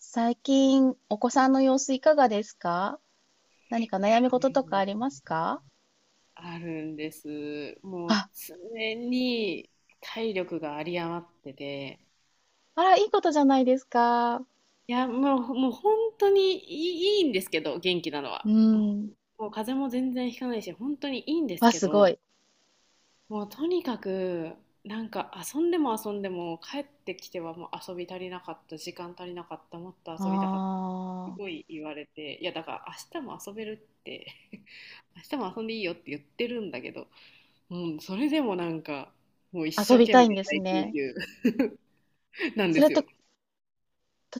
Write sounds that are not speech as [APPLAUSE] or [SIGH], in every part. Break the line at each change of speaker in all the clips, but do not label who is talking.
最近、お子さんの様子いかがですか？何か
いや、
悩み事とか
も
あり
う
ますか？
あるんです。もう
あ、
常に体力が有り余ってて、
あら、いいことじゃないですか。
いや、もう本当にいいんですけど、元気なの
う
は。
ん。
もう風邪も全然ひかないし、本当にいいんです
わ、
け
すご
ど、
い。
もうとにかく、なんか遊んでも遊んでも帰ってきてはもう遊び足りなかった、時間足りなかった、もっと遊びたかった。す
あ
ごい言われて、いやだから明日も遊べるって。 [LAUGHS] 明日も遊んでいいよって言ってるんだけど、うん、それでもなんか、もう一
あ、遊
生
び
懸
た
命
いんです
大号
ね。
泣 [LAUGHS] なん
そ
で
れ
す
と、
よ。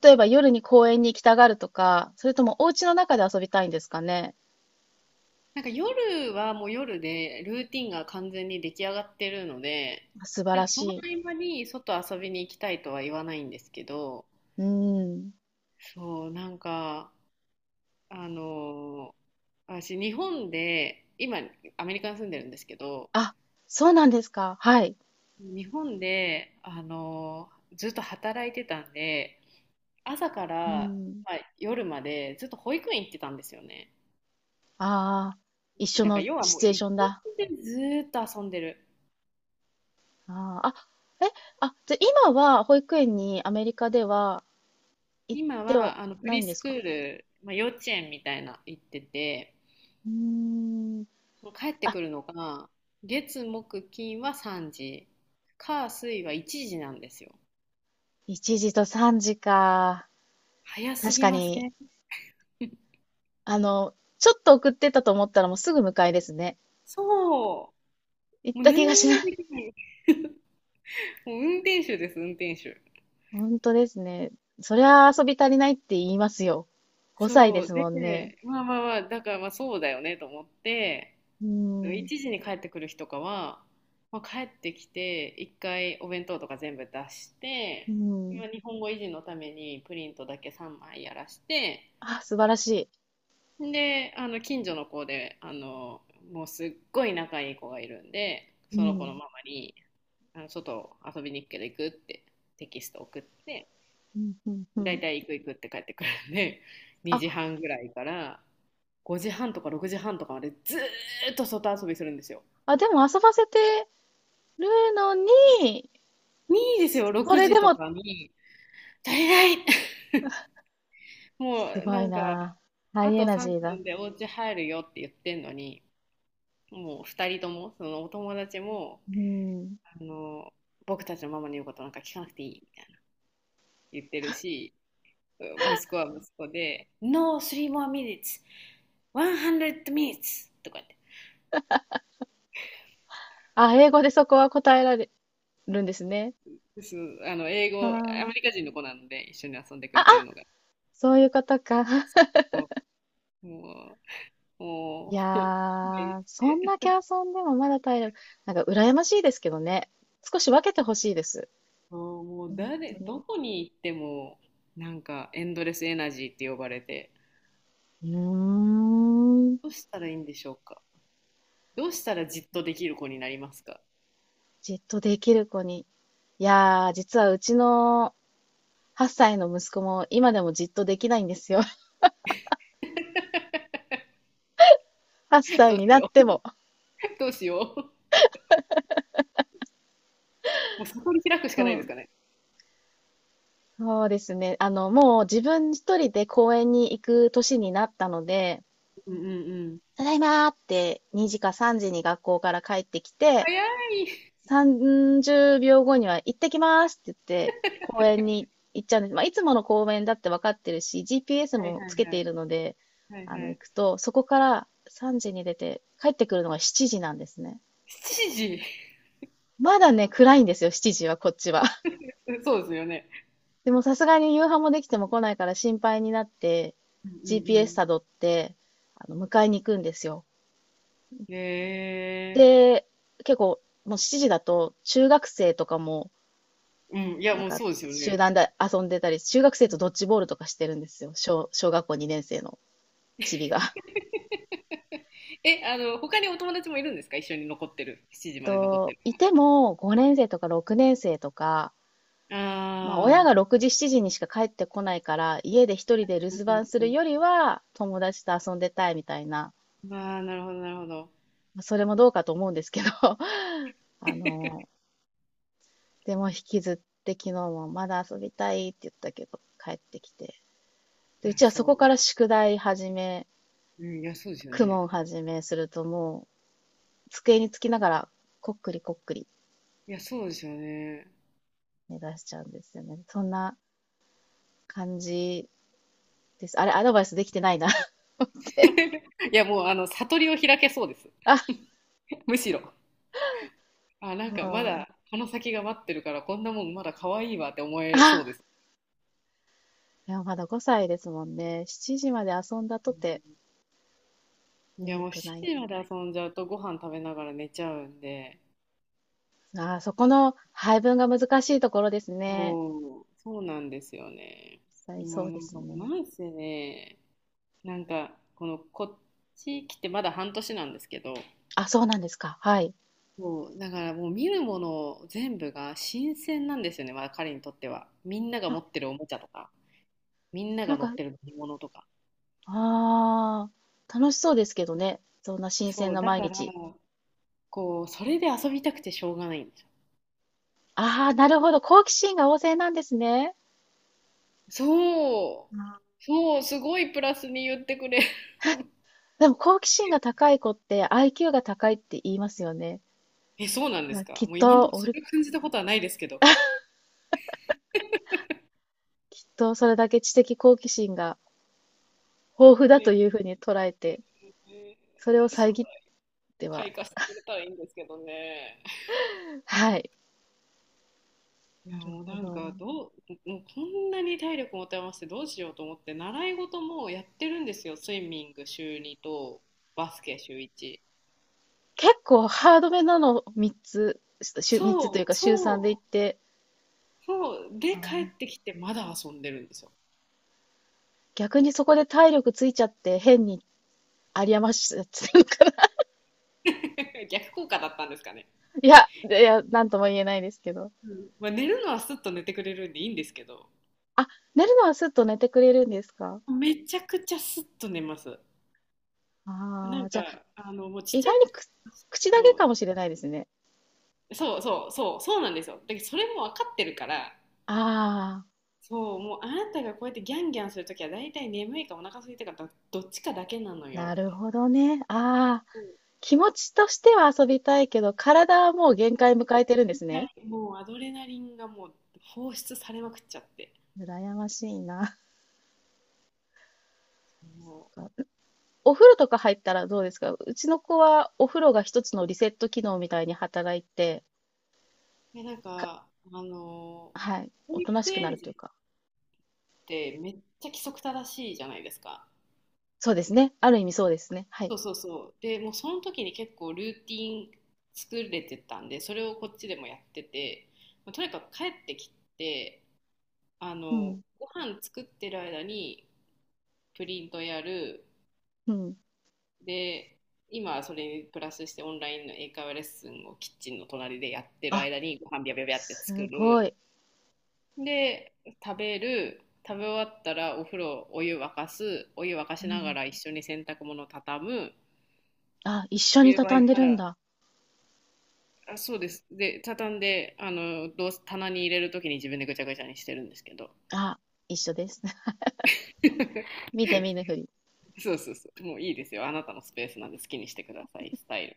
例えば夜に公園に行きたがるとか、それともお家の中で遊びたいんですかね。
なんか夜はもう夜で、ルーティンが完全に出来上がってるので、
素晴
なん
ら
かその
しい。
合間に外遊びに行きたいとは言わないんですけど、
うん。
そう、なんか、あのー私、日本で、今、アメリカに住んでるんですけど、
あ、そうなんですか。はい。
日本で、ずっと働いてたんで、朝か
う
ら、
ん。
まあ、夜までずっと保育園行ってたんですよね。
ああ、一緒
だから
の
要は
シ
もう
チュエー
一
ションだ。
日中ずーっと遊んでる。
あーあ、え、あ、じゃあ今は保育園にアメリカでは行っ
今
ては
はあのプ
ない
リ
ん
ス
です
ク
か？
ール、まあ、幼稚園みたいな行ってて、
うーん。
もう帰って
あ、
くるのが月木金は3時、火水は1時なんですよ。
1時と3時か。
早す
確
ぎ
か
ませ
に、
ん？
あの、ちょっと送ってたと思ったらもうすぐ迎えですね。
そう、も
行っ
う
た
何
気がし
にも
ない。
できない。もう運転手です、運転手。
[LAUGHS] 本当ですね。そりゃ遊び足りないって言いますよ。5歳で
そ
す
う。
もんね。
で、まあまあまあ、だからまあそうだよねと思って、
うん。
1時に帰ってくる日とかは、まあ、帰ってきて一回お弁当とか全部出し
う
て、
ん。
今日本語維持のためにプリントだけ3枚やらして、
あ、素晴らし
で、あの近所の子で、もうすっごい仲いい子がいるんで、
い。う
その子の
ん。
ママに「あの外遊びに行くけど行く？」ってテキスト送って、
うん、うん、うん。
大体行く行くって帰ってくるんで、
あ、
2時半ぐらいから5時半とか6時半とかまでずーっと外遊びするんですよ。
あ、でも遊ばせてるのに、
いいですよ、
こ
6
れ
時
で
と
も、
かに。足りない。 [LAUGHS] も
す
う
ご
な
い
んか、
な。ハ
あ
イエ
と
ナジ
3
ーだ。
分でお家入るよって言ってんのに、もう2人とも、そのお友達も、
うん。
あの、僕たちのママの言うことなんか聞かなくていいみたいな言ってるし、うん、息子は息子で、No, three more minutes, 100 minutes とか言って。
あ、英語でそこは答えられるんですね。
です。英
あ
語、アメ
ー
リカ人の子なので一緒に遊んでく
あ、
れ
あ、
てるのが。
そういうことか。[LAUGHS]
もう、もう、も
い
う
や
[LAUGHS] 勘弁し
ー、そん
て。
だけ遊んでもまだ体力、なんか羨ましいですけどね。少し分けてほしいです。
あー、もう
本
誰、
当
ど
に。
こに行っても、なんかエンドレスエナジーって呼ばれて、
うーん。
どうしたらいいんでしょうか。どうしたらじっとできる子になりますか。
じっとできる子に。いやー、実はうちの8歳の息子も今でもじっとできないんですよ。[LAUGHS] 8
[LAUGHS]
歳
どう
に
し
なっ
よう。
ても。
[LAUGHS] どうしよう。もう悟り開くし
う
かないです
ん。
かね。
そうですね。あの、もう自分一人で公園に行く年になったので、
うんうんうん。
ただいまーって2時か3時に学校から帰ってきて、
早い。
30秒後には行ってきますって言って、公園に行っちゃうんです。まあ、いつもの公園だって分かってるし、GPS
はい
も
は
つ
い
け
は
てい
い。
るので、
はいは
行
い。
くと、そこから3時に出て、帰ってくるのが7時なんですね。
7時。
まだね、暗いんですよ、7時は、こっちは。[LAUGHS]
[LAUGHS] そうですよね。
でもさすがに夕飯もできても来ないから心配になって、
うんうんう
GPS
ん。
辿って、迎えに行くんですよ。
へえ。
で、結構、もう7時だと、中学生とかも、
うん、いや
なん
もう
か、
そうですよ
集
ね。
団で遊んでたり、中学生とドッジボールとかしてるんですよ。小学校2年生のチビが。[LAUGHS]
[LAUGHS] え、あの、他にお友達もいるんですか、一緒に残ってる？7時まで残って
と、
る？
いても5年生とか6年生とか、まあ、親
あ
が6時、7時にしか帰ってこないから、家で一人で留守番するよ
あ。
りは、友達と遊んでたいみたいな、
ああ、なるほど、なるほど。
まあそれもどうかと思うんですけど、[LAUGHS] あの、
[LAUGHS]
でも引きずって昨日もまだ遊びたいって言ったけど、帰ってきて、で、
い
う
や、
ちはそこか
そ
ら宿題始め、
う。うん、いや、そうですよ
公
ね。
文始めするともう机につきながらこっくりこっくり
いや、そうですよね。
目指しちゃうんですよね。そんな感じです。あれ、アドバイスできてないな [LAUGHS] 思って。
[LAUGHS] いや、もう、あの、悟りを開けそうです。
あ、
[LAUGHS] むしろ。あ、なん
も
か、ま
う、
だ、この先が待ってるから、こんなもんまだ可愛いわって思えそうで
あ、
す。
いや、まだ5歳ですもんね。7時まで遊んだ
う
とて
ん。いや、
眠
もう、
くない
7時まで遊んじゃうと、ご飯食べながら寝ちゃうんで、
な。あー、そこの配分が難しいところですね。
そう、そうなんですよね。
実際
も
そ
う、
う
な
で
ん
す
か、
ね。
なんせね、なんか、こっち来てまだ半年なんですけど、
あ、そうなんですか。はい。
そう、だからもう見るもの全部が新鮮なんですよね、まあ、彼にとっては。みんなが持
あ、
ってるおもちゃとか、みんなが
なん
乗っ
か、
てる乗り物とか。
ああ、楽しそうですけどね。そんな新鮮
そう、
な
だ
毎
から、
日。
こう、それで遊びたくてしょうがないんですよ。
ああ、なるほど。好奇心が旺盛なんですね。
そう、
あ
そう、すごいプラスに言ってくれ。[LAUGHS]
でも好奇心が高い子って IQ が高いって言いますよね。
え、そうなん
だ
で
から
すか？
きっ
もう今のと
と、
ころそ
俺、
れ感じたことはないですけど。
きっとそれだけ知的好奇心が豊富だ
えー、
というふうに捉えて、それを
え将来
遮っては。
開花してくれたらいいんですけどね。
はい。
いや、
なる
もう
ほ
なん
ど。
かどう、もうこんなに体力持て余してどうしようと思って習い事もやってるんですよ。スイミング週2とバスケ週1。
結構ハードめなの3つ、週3つと
そ
いう
う
か週3で
そ
行
う
って、
そう、
あ
で帰っ
ー
てきてまだ遊んでるんですよ。
逆にそこで体力ついちゃって変に有り余しちゃってるのかな。
[LAUGHS] 逆効果だったんですかね。
[LAUGHS] いや、いや、なんとも言えないですけど。
うん、まあ、寝るのはすっと寝てくれるんでいいんですけど、
あ、寝るのはすっと寝てくれるんですか？
めちゃくちゃすっと寝ます。な
ああ
ん
ー、じ
か、
ゃあ、
あの、もうちっ
意
ちゃ
外に
い、
口だけ
そう
かもしれないですね。
そうそうそうそう、なんですよ。だけどそれも分かってるから。
ああ、
そう、もうあなたがこうやってギャンギャンするときは大体眠いかお腹空いたか、どっちかだけなの
な
よっ
る
て。
ほどね。ああ、
そう、
気持ちとしては遊びたいけど、体はもう限
も
界迎えてるんです
うは
ね。
い、もうアドレナリンがもう放出されまくっちゃって。
羨ましいな。
そ
[LAUGHS] お風呂とか入ったらどうですか？うちの子はお風呂が一つのリセット機能みたいに働いて、
う。で、なん
か、
か、
はい、
保
おとな
育
しくな
園
る
児
と
っ
いうか。
てめっちゃ規則正しいじゃないですか。
そうですね。ある意味そうですね。はい。
そうそうそう。で、もうその時に結構ルーティン作れてたんで、それをこっちでもやってて、まあとにかく帰ってきて、あ
う
の、
ん、
ご飯作ってる間にプリントやる、
うん。
で、今はそれにプラスしてオンラインの英会話レッスンをキッチンの隣でやってる
あ、
間にご飯ビャビャビャって作
すご
る。
い。
で、食べる。食べ終わったらお風呂、お湯沸かす。お湯沸か
う
しなが
ん。
ら一緒に洗濯物畳む。
あ、一緒
お
に
湯沸
畳
い
んで
た
るん
ら、
だ。
あ、そうです。で、畳んで、あの、どうせ棚に入れるときに自分でぐちゃぐちゃにしてるんですけど。
あ、一緒です。[LAUGHS]
[LAUGHS]
見て見ぬふり。
そうそうそう。もういいですよ。あなたのスペースなんで好きにしてください、スタイル。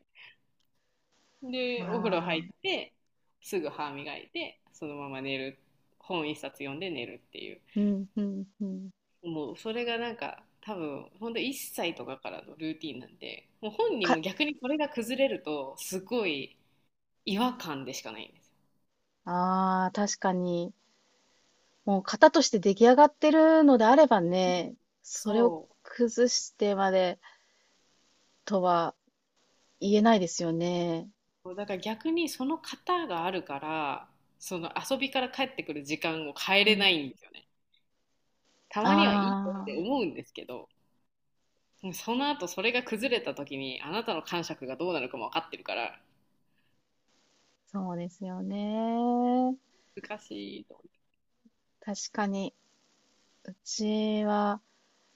で、お風呂入っ
ああ、
て、すぐ歯磨いて、そのまま寝る。本一冊読んで寝るっていう。
うん、うん、うん。
もうそれがなんか、多分、ほんと1歳とかからのルーティンなんで、もう本人
か、
も逆にそれが崩れると、すごい違和感でしかないんですよ。
ああ、確かに。もう型として出来上がってるのであればね、それを
そ
崩してまでとは言えないですよね。
う。だから逆にその型があるから、その遊びから帰ってくる時間を変え
う
れ
ん。
ないんですよね。たまにはいいよっ
あ
て
あ、
思うんですけど、その後それが崩れた時にあなたの感触がどうなるかも分かってるから
そうですよね。
難しいと思って。
確かに、うちは、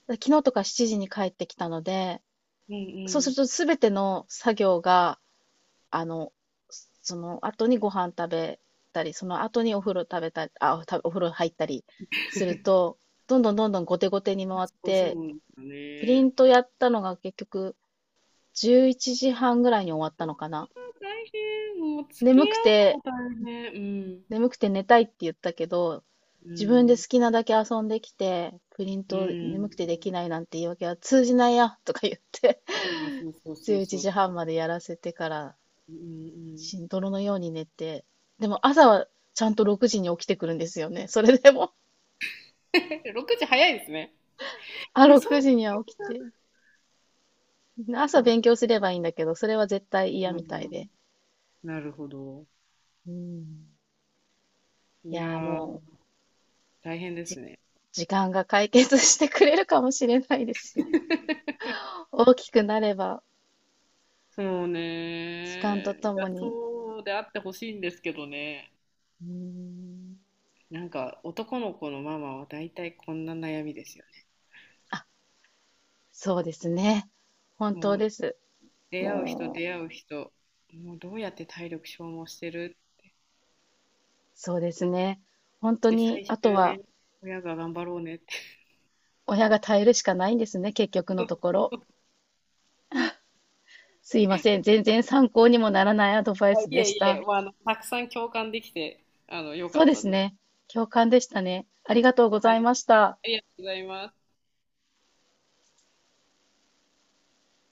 昨日とか7時に帰ってきたので、
うんう
そうす
ん。
るとすべての作業が、あの、その後にご飯食べたり、その後にお風呂食べたり、あ、お風呂入ったりする
[LAUGHS]
と、どんどんどんどん後手後手に回っ
そうそう
て、
なんですよ
プリ
ね。
ントやったのが結局11時半ぐらいに終わったのかな。
大変、もう付き
眠
合
く
うの
て、
も大変。うん。
眠くて寝たいって言ったけど、
う
自分で好
ん。
きなだけ遊んできて、プリン
う
ト眠く
ん。
てできないなんて言い訳は通じないや、とか言って、
いや、そうそうそ
11
うそう
時半
そ
までやらせてから
う。うんうん。
しんどろのように寝て、でも朝はちゃんと6時に起きてくるんですよね。それでも
[LAUGHS] 6時早いですね。
[LAUGHS] あ、
え、そん
6
な。
時には起きて。朝
そう。
勉強すればいいんだけど、それは絶対嫌
う
みたい
ん。
で。
なるほど。
うん。い
いや
やー
ー、
も
大変
う、
ですね。
時間が解決してくれるかもしれないですよ。[LAUGHS] 大きくなれば、
そう
時間と
ね。い
とも
や、
に。
そうであってほしいんですけどね。
うん。
なんか、男の子のママは大体こんな悩みですよね。
あ、そうですね。本当
もう、
です。
出会う人、
もう、
出会う人、もうどうやって体力消耗してる
そうですね。本
っ
当
て、
に、
最
あと
終
は、
ね、親が頑張ろうねって。
親が耐えるしかないんですね、結局のところ。すいません。全然参考にもならないアドバイ
[LAUGHS]
ス
い
で
え
し
いえ、
た。
まあ、あの、たくさん共感できて、あの、良か
そう
っ
で
た
す
です。
ね。共感でしたね。ありがとうご
は
ざい
い。
ました。
ありがとうございます。